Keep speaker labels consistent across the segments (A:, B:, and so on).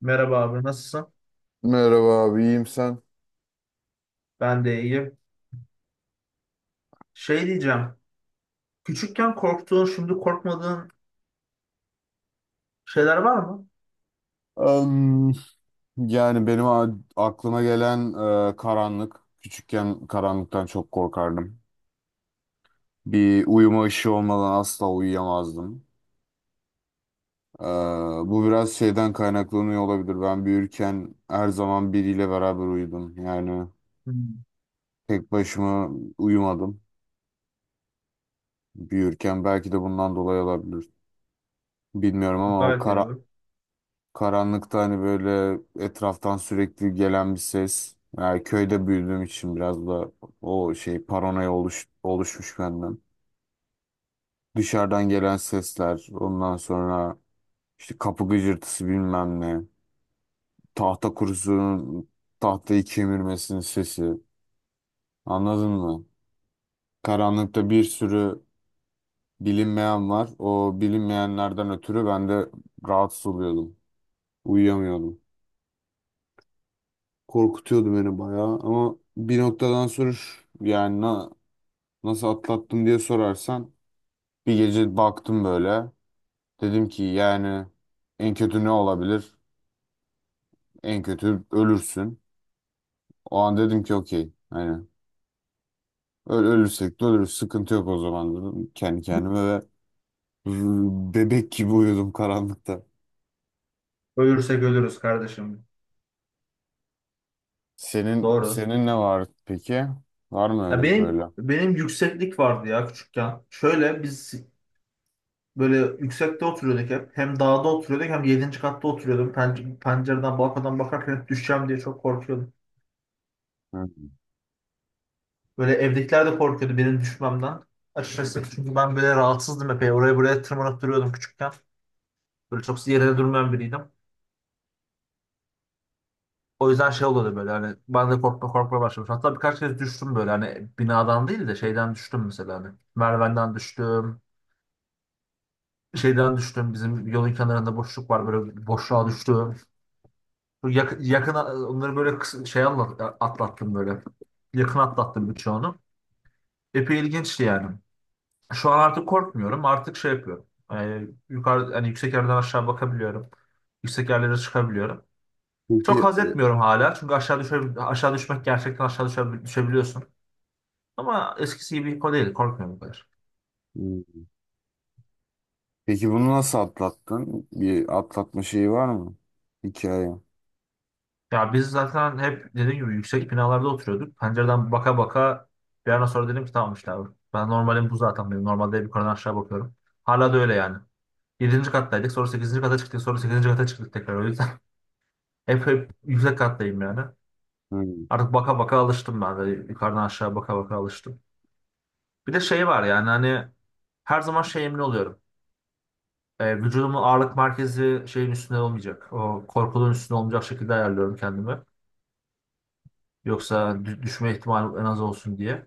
A: Merhaba abi, nasılsın?
B: Merhaba abi, iyiyim sen?
A: Ben de iyiyim. Şey diyeceğim. Küçükken korktuğun, şimdi korkmadığın şeyler var mı?
B: Em, yani benim aklıma gelen karanlık. Küçükken karanlıktan çok korkardım. Bir uyuma ışığı olmadan asla uyuyamazdım. E, Bu biraz şeyden kaynaklanıyor olabilir. Ben büyürken her zaman biriyle beraber uyudum. Yani
A: Hmm,
B: tek başıma uyumadım büyürken. Belki de bundan dolayı olabilir. Bilmiyorum ama o
A: gayet iyi
B: kara
A: abi.
B: karanlıkta hani böyle etraftan sürekli gelen bir ses. Yani köyde büyüdüğüm için biraz da o şey paranoya oluşmuş benden. Dışarıdan gelen sesler, ondan sonra işte kapı gıcırtısı bilmem ne. Tahta kurusunun tahtayı kemirmesinin sesi. Anladın mı? Karanlıkta bir sürü bilinmeyen var. O bilinmeyenlerden ötürü ben de rahatsız oluyordum. Uyuyamıyordum. Korkutuyordu beni bayağı ama bir noktadan sonra nasıl atlattım diye sorarsan bir gece baktım böyle dedim ki yani en kötü ne olabilir? En kötü ölürsün. O an dedim ki okey hani ölürsek de ölürüz, sıkıntı yok o zaman dedim kendi kendime ve bebek gibi uyudum karanlıkta.
A: Ölürsek ölürüz kardeşim.
B: Senin
A: Doğru.
B: senin ne var peki? Var mı
A: Ya
B: öyle
A: benim
B: böyle?
A: benim yükseklik vardı ya küçükken. Şöyle biz böyle yüksekte oturuyorduk hep. Hem dağda oturuyorduk hem 7. katta oturuyordum. Pencereden, balkondan bakarken hep düşeceğim diye çok korkuyordum.
B: Hı.
A: Böyle evdekiler de korkuyordu benim düşmemden. Açıkçası çünkü ben böyle rahatsızdım epey. Oraya buraya tırmanıp duruyordum küçükken. Böyle çok yere durmayan biriydim. O yüzden şey oluyordu, böyle hani ben de korkma korkma başlamış. Hatta birkaç kez düştüm, böyle hani binadan değil de şeyden düştüm mesela, hani. Merdivenden düştüm. Şeyden düştüm. Bizim yolun kenarında boşluk var, böyle boşluğa düştüm. Yakın onları böyle atlattım böyle. Yakın atlattım birçoğunu. Epey ilginçti yani. Şu an artık korkmuyorum. Artık şey yapıyorum. Yukarı hani, yüksek yerden aşağı bakabiliyorum. Yüksek yerlere çıkabiliyorum.
B: Peki
A: Çok haz etmiyorum hala. Çünkü aşağı düşmek gerçekten, düşebiliyorsun. Ama eskisi gibi hippo değil. Korkmuyorum bu kadar.
B: Peki bunu nasıl atlattın? Bir atlatma şeyi var mı? Hikaye.
A: Ya biz zaten hep dediğim gibi yüksek binalarda oturuyorduk. Pencereden baka baka bir an sonra dedim ki tamam işte abi. Ben normalim, bu zaten benim. Normalde hep yukarıdan aşağı bakıyorum. Hala da öyle yani. 7. kattaydık. Sonra 8. kata çıktık. Sonra 8. kata çıktık tekrar. O yüzden hep yüksek kattayım yani.
B: Hmm.
A: Artık baka baka alıştım ben de. Yukarıdan aşağı baka baka alıştım. Bir de şey var yani, hani her zaman şey, emin oluyorum. Vücudumun ağırlık merkezi şeyin üstünde olmayacak. O korkuluğun üstünde olmayacak şekilde ayarlıyorum kendimi. Yoksa düşme ihtimali en az olsun diye.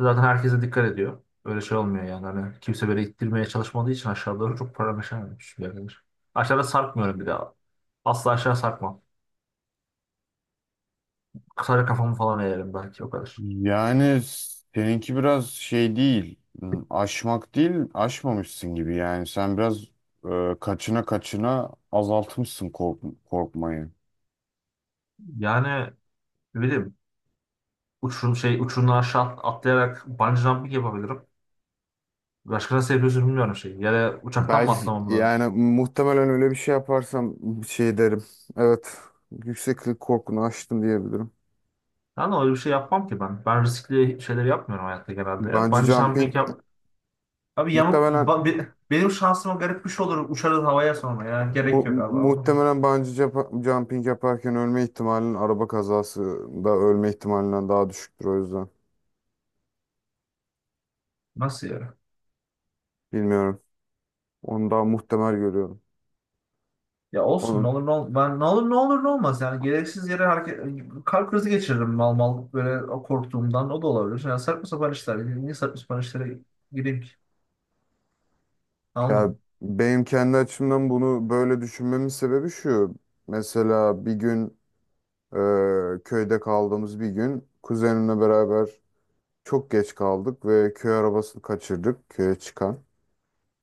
A: Zaten herkese dikkat ediyor. Öyle şey olmuyor yani. Hani kimse böyle ittirmeye çalışmadığı için aşağı doğru çok parameşememiş bir yerdedir. Aşağıda sarkmıyorum bir daha. Asla aşağı sarkmam. Kısaca kafamı falan eğerim, belki o kadar.
B: Yani seninki biraz şey değil. Aşmak değil, aşmamışsın gibi. Yani sen biraz kaçına kaçına azaltmışsın korkmayı.
A: Yani ne bileyim, uçurum şey, uçurumdan aşağı atlayarak bungee jumping yapabilirim. Başka nasıl yapıyorsun bilmiyorum, şey. Ya da uçaktan mı
B: Belki
A: atlamam lazım?
B: yani muhtemelen öyle bir şey yaparsam şey derim. Evet, yükseklik korkunu aştım diyebilirim.
A: Yani öyle bir şey yapmam ki ben. Ben riskli şeyleri yapmıyorum hayatta, genelde. Ya.
B: Bungee
A: Bungee
B: jumping
A: jumping yap, abi yamuk
B: muhtemelen
A: benim şansıma garip bir şey olur, uçarız havaya. Sonra ya
B: Mu-
A: gerek yok
B: mu-
A: abi ama.
B: muhtemelen bungee jump- jumping yaparken ölme ihtimalin araba kazasında ölme ihtimalinden daha düşüktür o yüzden.
A: Nasıl ya?
B: Bilmiyorum. Onu daha muhtemel görüyorum.
A: Ya olsun, ne
B: Onun,
A: olur ne olur, ben ne olur ne olur ne olmaz yani, gereksiz yere hareket kalp krizi geçiririm mal mal, böyle o korktuğumdan o da olabilir. Yani saçma sapan işler, niye saçma sapan işlere gireyim ki? Anladın
B: Ya
A: mı?
B: benim kendi açımdan bunu böyle düşünmemin sebebi şu. Mesela bir gün köyde kaldığımız bir gün kuzenimle beraber çok geç kaldık ve köy arabasını kaçırdık köye çıkan.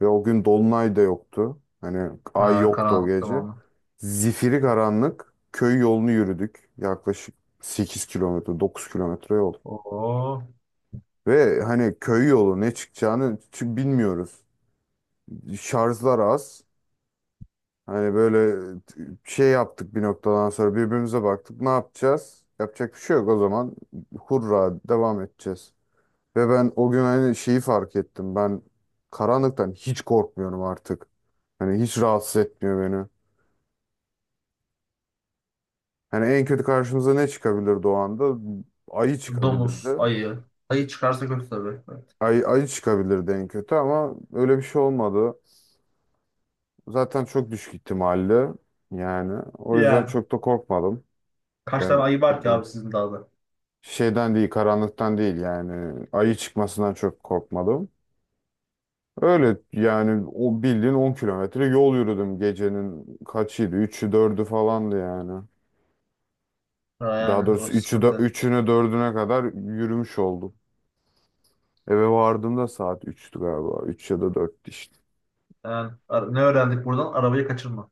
B: Ve o gün dolunay da yoktu. Hani ay
A: Ha,
B: yoktu o
A: karanlık
B: gece.
A: tamamı.
B: Zifiri karanlık köy yolunu yürüdük. Yaklaşık 8 kilometre, 9 kilometre yol.
A: Oo,
B: Ve hani köy yolu ne çıkacağını bilmiyoruz. Şarjlar az. Hani böyle şey yaptık, bir noktadan sonra birbirimize baktık. Ne yapacağız? Yapacak bir şey yok o zaman. Hurra, devam edeceğiz. Ve ben o gün hani şeyi fark ettim. Ben karanlıktan hiç korkmuyorum artık. Hani hiç rahatsız etmiyor beni. Yani en kötü karşımıza ne çıkabilirdi o anda? Ayı çıkabilirdi.
A: domuz, ayı. Ayı çıkarsa kötü tabii. Evet.
B: Ayı çıkabilirdi en kötü ama öyle bir şey olmadı. Zaten çok düşük ihtimalli. Yani o yüzden
A: Yani
B: çok da korkmadım.
A: kaç tane
B: Ben
A: ayı var ki abi
B: şeyden,
A: sizin dağda?
B: şeyden değil, karanlıktan değil yani ayı çıkmasından çok korkmadım. Öyle yani o bildiğin 10 kilometre yol yürüdüm. Gecenin kaçıydı? 3'ü 4'ü falandı yani.
A: Ha,
B: Daha
A: yani o
B: doğrusu 3'ü
A: sıkıntı.
B: dördüne kadar yürümüş oldum. Eve vardığımda saat 3'tü galiba. Üç ya da 4'tü işte.
A: Yani ne öğrendik buradan, arabayı kaçırma.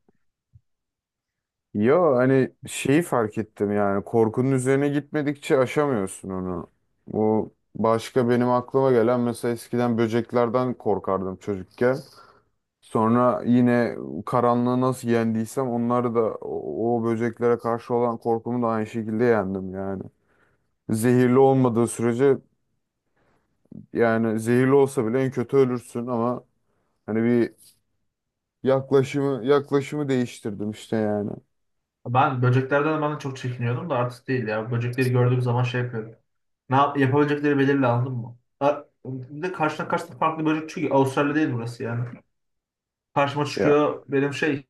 B: Ya hani şeyi fark ettim yani korkunun üzerine gitmedikçe aşamıyorsun onu. Bu başka benim aklıma gelen: mesela eskiden böceklerden korkardım çocukken. Sonra yine karanlığı nasıl yendiysem onları da, o böceklere karşı olan korkumu da aynı şekilde yendim yani. Zehirli olmadığı sürece, yani zehirli olsa bile en kötü ölürsün ama hani bir yaklaşımı değiştirdim işte yani.
A: Ben de çok çekiniyordum da artık değil ya. Böcekleri gördüğüm zaman şey yapıyorum. Ne yap yapabilecekleri belirli, anladın mı? Ha, bir de karşına karşına farklı böcek, çünkü Avustralya değil burası yani. Karşıma
B: Ya
A: çıkıyor benim şey,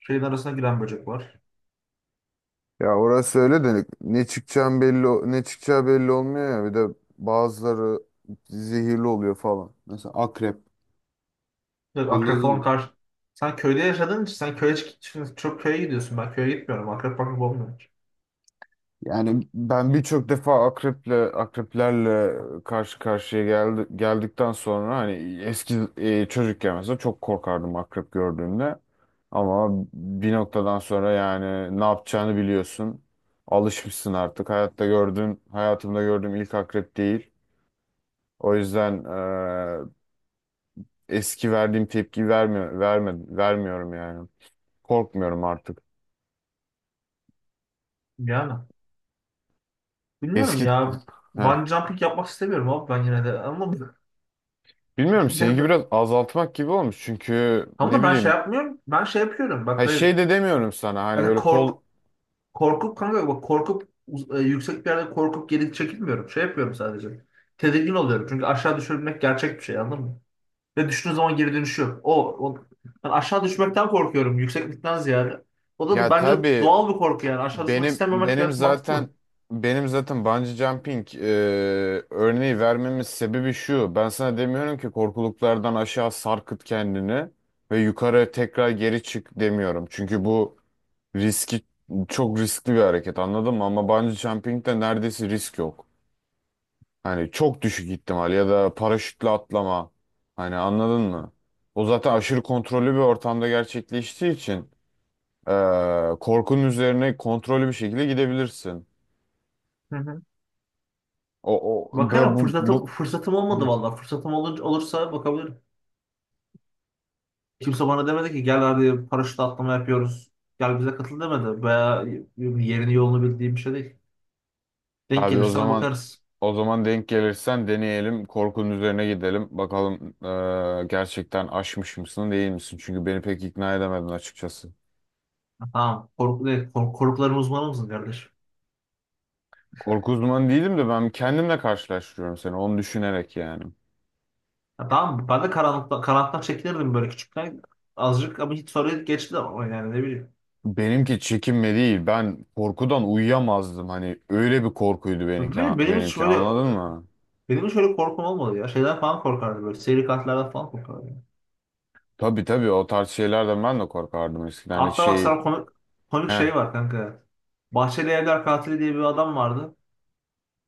A: şeyin arasına giren böcek var.
B: ya orası öyle de ne çıkacağı belli olmuyor ya, bir de bazıları zehirli oluyor falan. Mesela akrep.
A: Bir akrep
B: Anladın
A: falan
B: mı?
A: karşı. Sen köyde yaşadığın için sen şimdi çok köye gidiyorsun. Ben köye gitmiyorum. Akrep olmuyor hiç.
B: Yani ben birçok defa akreplerle karşı karşıya geldikten sonra, hani eski çocukken mesela çok korkardım akrep gördüğümde. Ama bir noktadan sonra yani ne yapacağını biliyorsun. Alışmışsın artık. Hayatımda gördüğüm ilk akrep değil. O yüzden eski verdiğim tepki vermiyorum yani. Korkmuyorum artık.
A: Yani bilmiyorum
B: Eski
A: ya.
B: Heh.
A: Bungee jumping yapmak istemiyorum abi ben yine de. Ama
B: Bilmiyorum, seninki biraz azaltmak gibi olmuş çünkü
A: ama
B: ne
A: da ben şey
B: bileyim,
A: yapmıyorum. Ben şey yapıyorum. Bak
B: ha
A: hayır.
B: şey de demiyorum sana, hani
A: Hani
B: böyle
A: kork Korkup, kanka bak, korkup yüksek bir yerde korkup geri çekilmiyorum. Şey yapıyorum sadece. Tedirgin oluyorum. Çünkü aşağı düşürmek gerçek bir şey, anladın mı? Ve düştüğün zaman geri dönüşü yok. O, o ben aşağı düşmekten korkuyorum, yükseklikten ziyade. O da
B: ya,
A: bence
B: tabii
A: doğal bir korku yani. Aşağı düşmek
B: benim
A: istememek
B: benim
A: gayet
B: zaten
A: mantıklı.
B: benim zaten bungee jumping örneği vermemin sebebi şu: ben sana demiyorum ki korkuluklardan aşağı sarkıt kendini ve yukarı tekrar geri çık, demiyorum çünkü bu riski çok riskli bir hareket, anladın mı? Ama bungee jumping'de neredeyse risk yok. Hani çok düşük ihtimal, ya da paraşütle atlama. Hani anladın mı? O zaten aşırı kontrollü bir ortamda gerçekleştiği için korkunun üzerine kontrollü bir şekilde gidebilirsin.
A: Hı hı.
B: O, o böyle
A: Bakarım,
B: bu,
A: fırsatım
B: bu
A: fırsatım olmadı vallahi. Olursa bakabilirim. Kimse bana demedi ki gel hadi paraşütle atlama yapıyoruz. Gel bize katıl, demedi. Veya yerini yolunu bildiğim bir şey değil. Denk
B: Abi o
A: gelirsen
B: zaman,
A: bakarız.
B: denk gelirsen deneyelim. Korkunun üzerine gidelim. Bakalım gerçekten aşmış mısın değil misin? Çünkü beni pek ikna edemedin açıkçası.
A: Tamam. Korku değil. Korkuların uzmanı mısın kardeş?
B: Korku uzmanı değilim de ben kendimle karşılaştırıyorum seni, onu düşünerek yani.
A: Ya tamam. Ben de karanlıktan çekinirdim böyle küçükken. Azıcık, ama hiç, sonra geçti ama, yani ne bileyim.
B: Benimki çekinme değil. Ben korkudan uyuyamazdım. Hani öyle bir korkuydu benimki,
A: Benim, benim hiç
B: benimki
A: böyle
B: anladın mı?
A: Benim hiç öyle korkum olmadı ya. Şeyden falan korkardım böyle. Seri katillerden falan korkardım.
B: Tabii tabii, o tarz şeylerden ben de korkardım eskiden. Hani
A: Hatta bak,
B: şey,
A: sana komik
B: heh,
A: şey var kanka. Bahçeli Evler Katili diye bir adam vardı.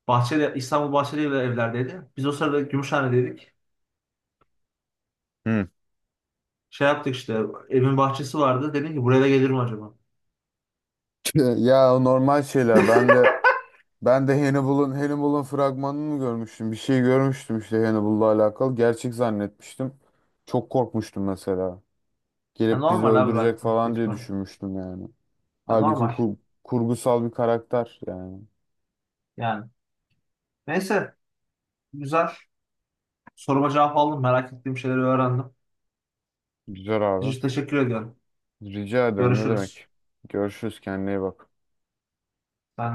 A: Bahçeli, İstanbul Bahçeli Evler evlerdeydi. Biz o sırada Gümüşhane'deydik.
B: hı.
A: Şey yaptık işte, evin bahçesi vardı. Dedim ki buraya da gelir mi acaba?
B: Ya o normal şeyler. Ben de Hannibal'ın fragmanını mı görmüştüm? Bir şey görmüştüm işte Hannibal'la alakalı. Gerçek zannetmiştim. Çok korkmuştum mesela.
A: Ya
B: Gelip bizi
A: normal abi,
B: öldürecek
A: bak.
B: falan diye
A: Lütfen.
B: düşünmüştüm yani.
A: Ya
B: Halbuki
A: normal.
B: kurgusal bir karakter yani.
A: Yani. Neyse, güzel. Soruma cevap aldım. Merak ettiğim şeyleri öğrendim.
B: Güzel abi.
A: Teşekkür ediyorum.
B: Rica ederim, ne
A: Görüşürüz.
B: demek. Görüşürüz, kendine iyi bak.
A: Ben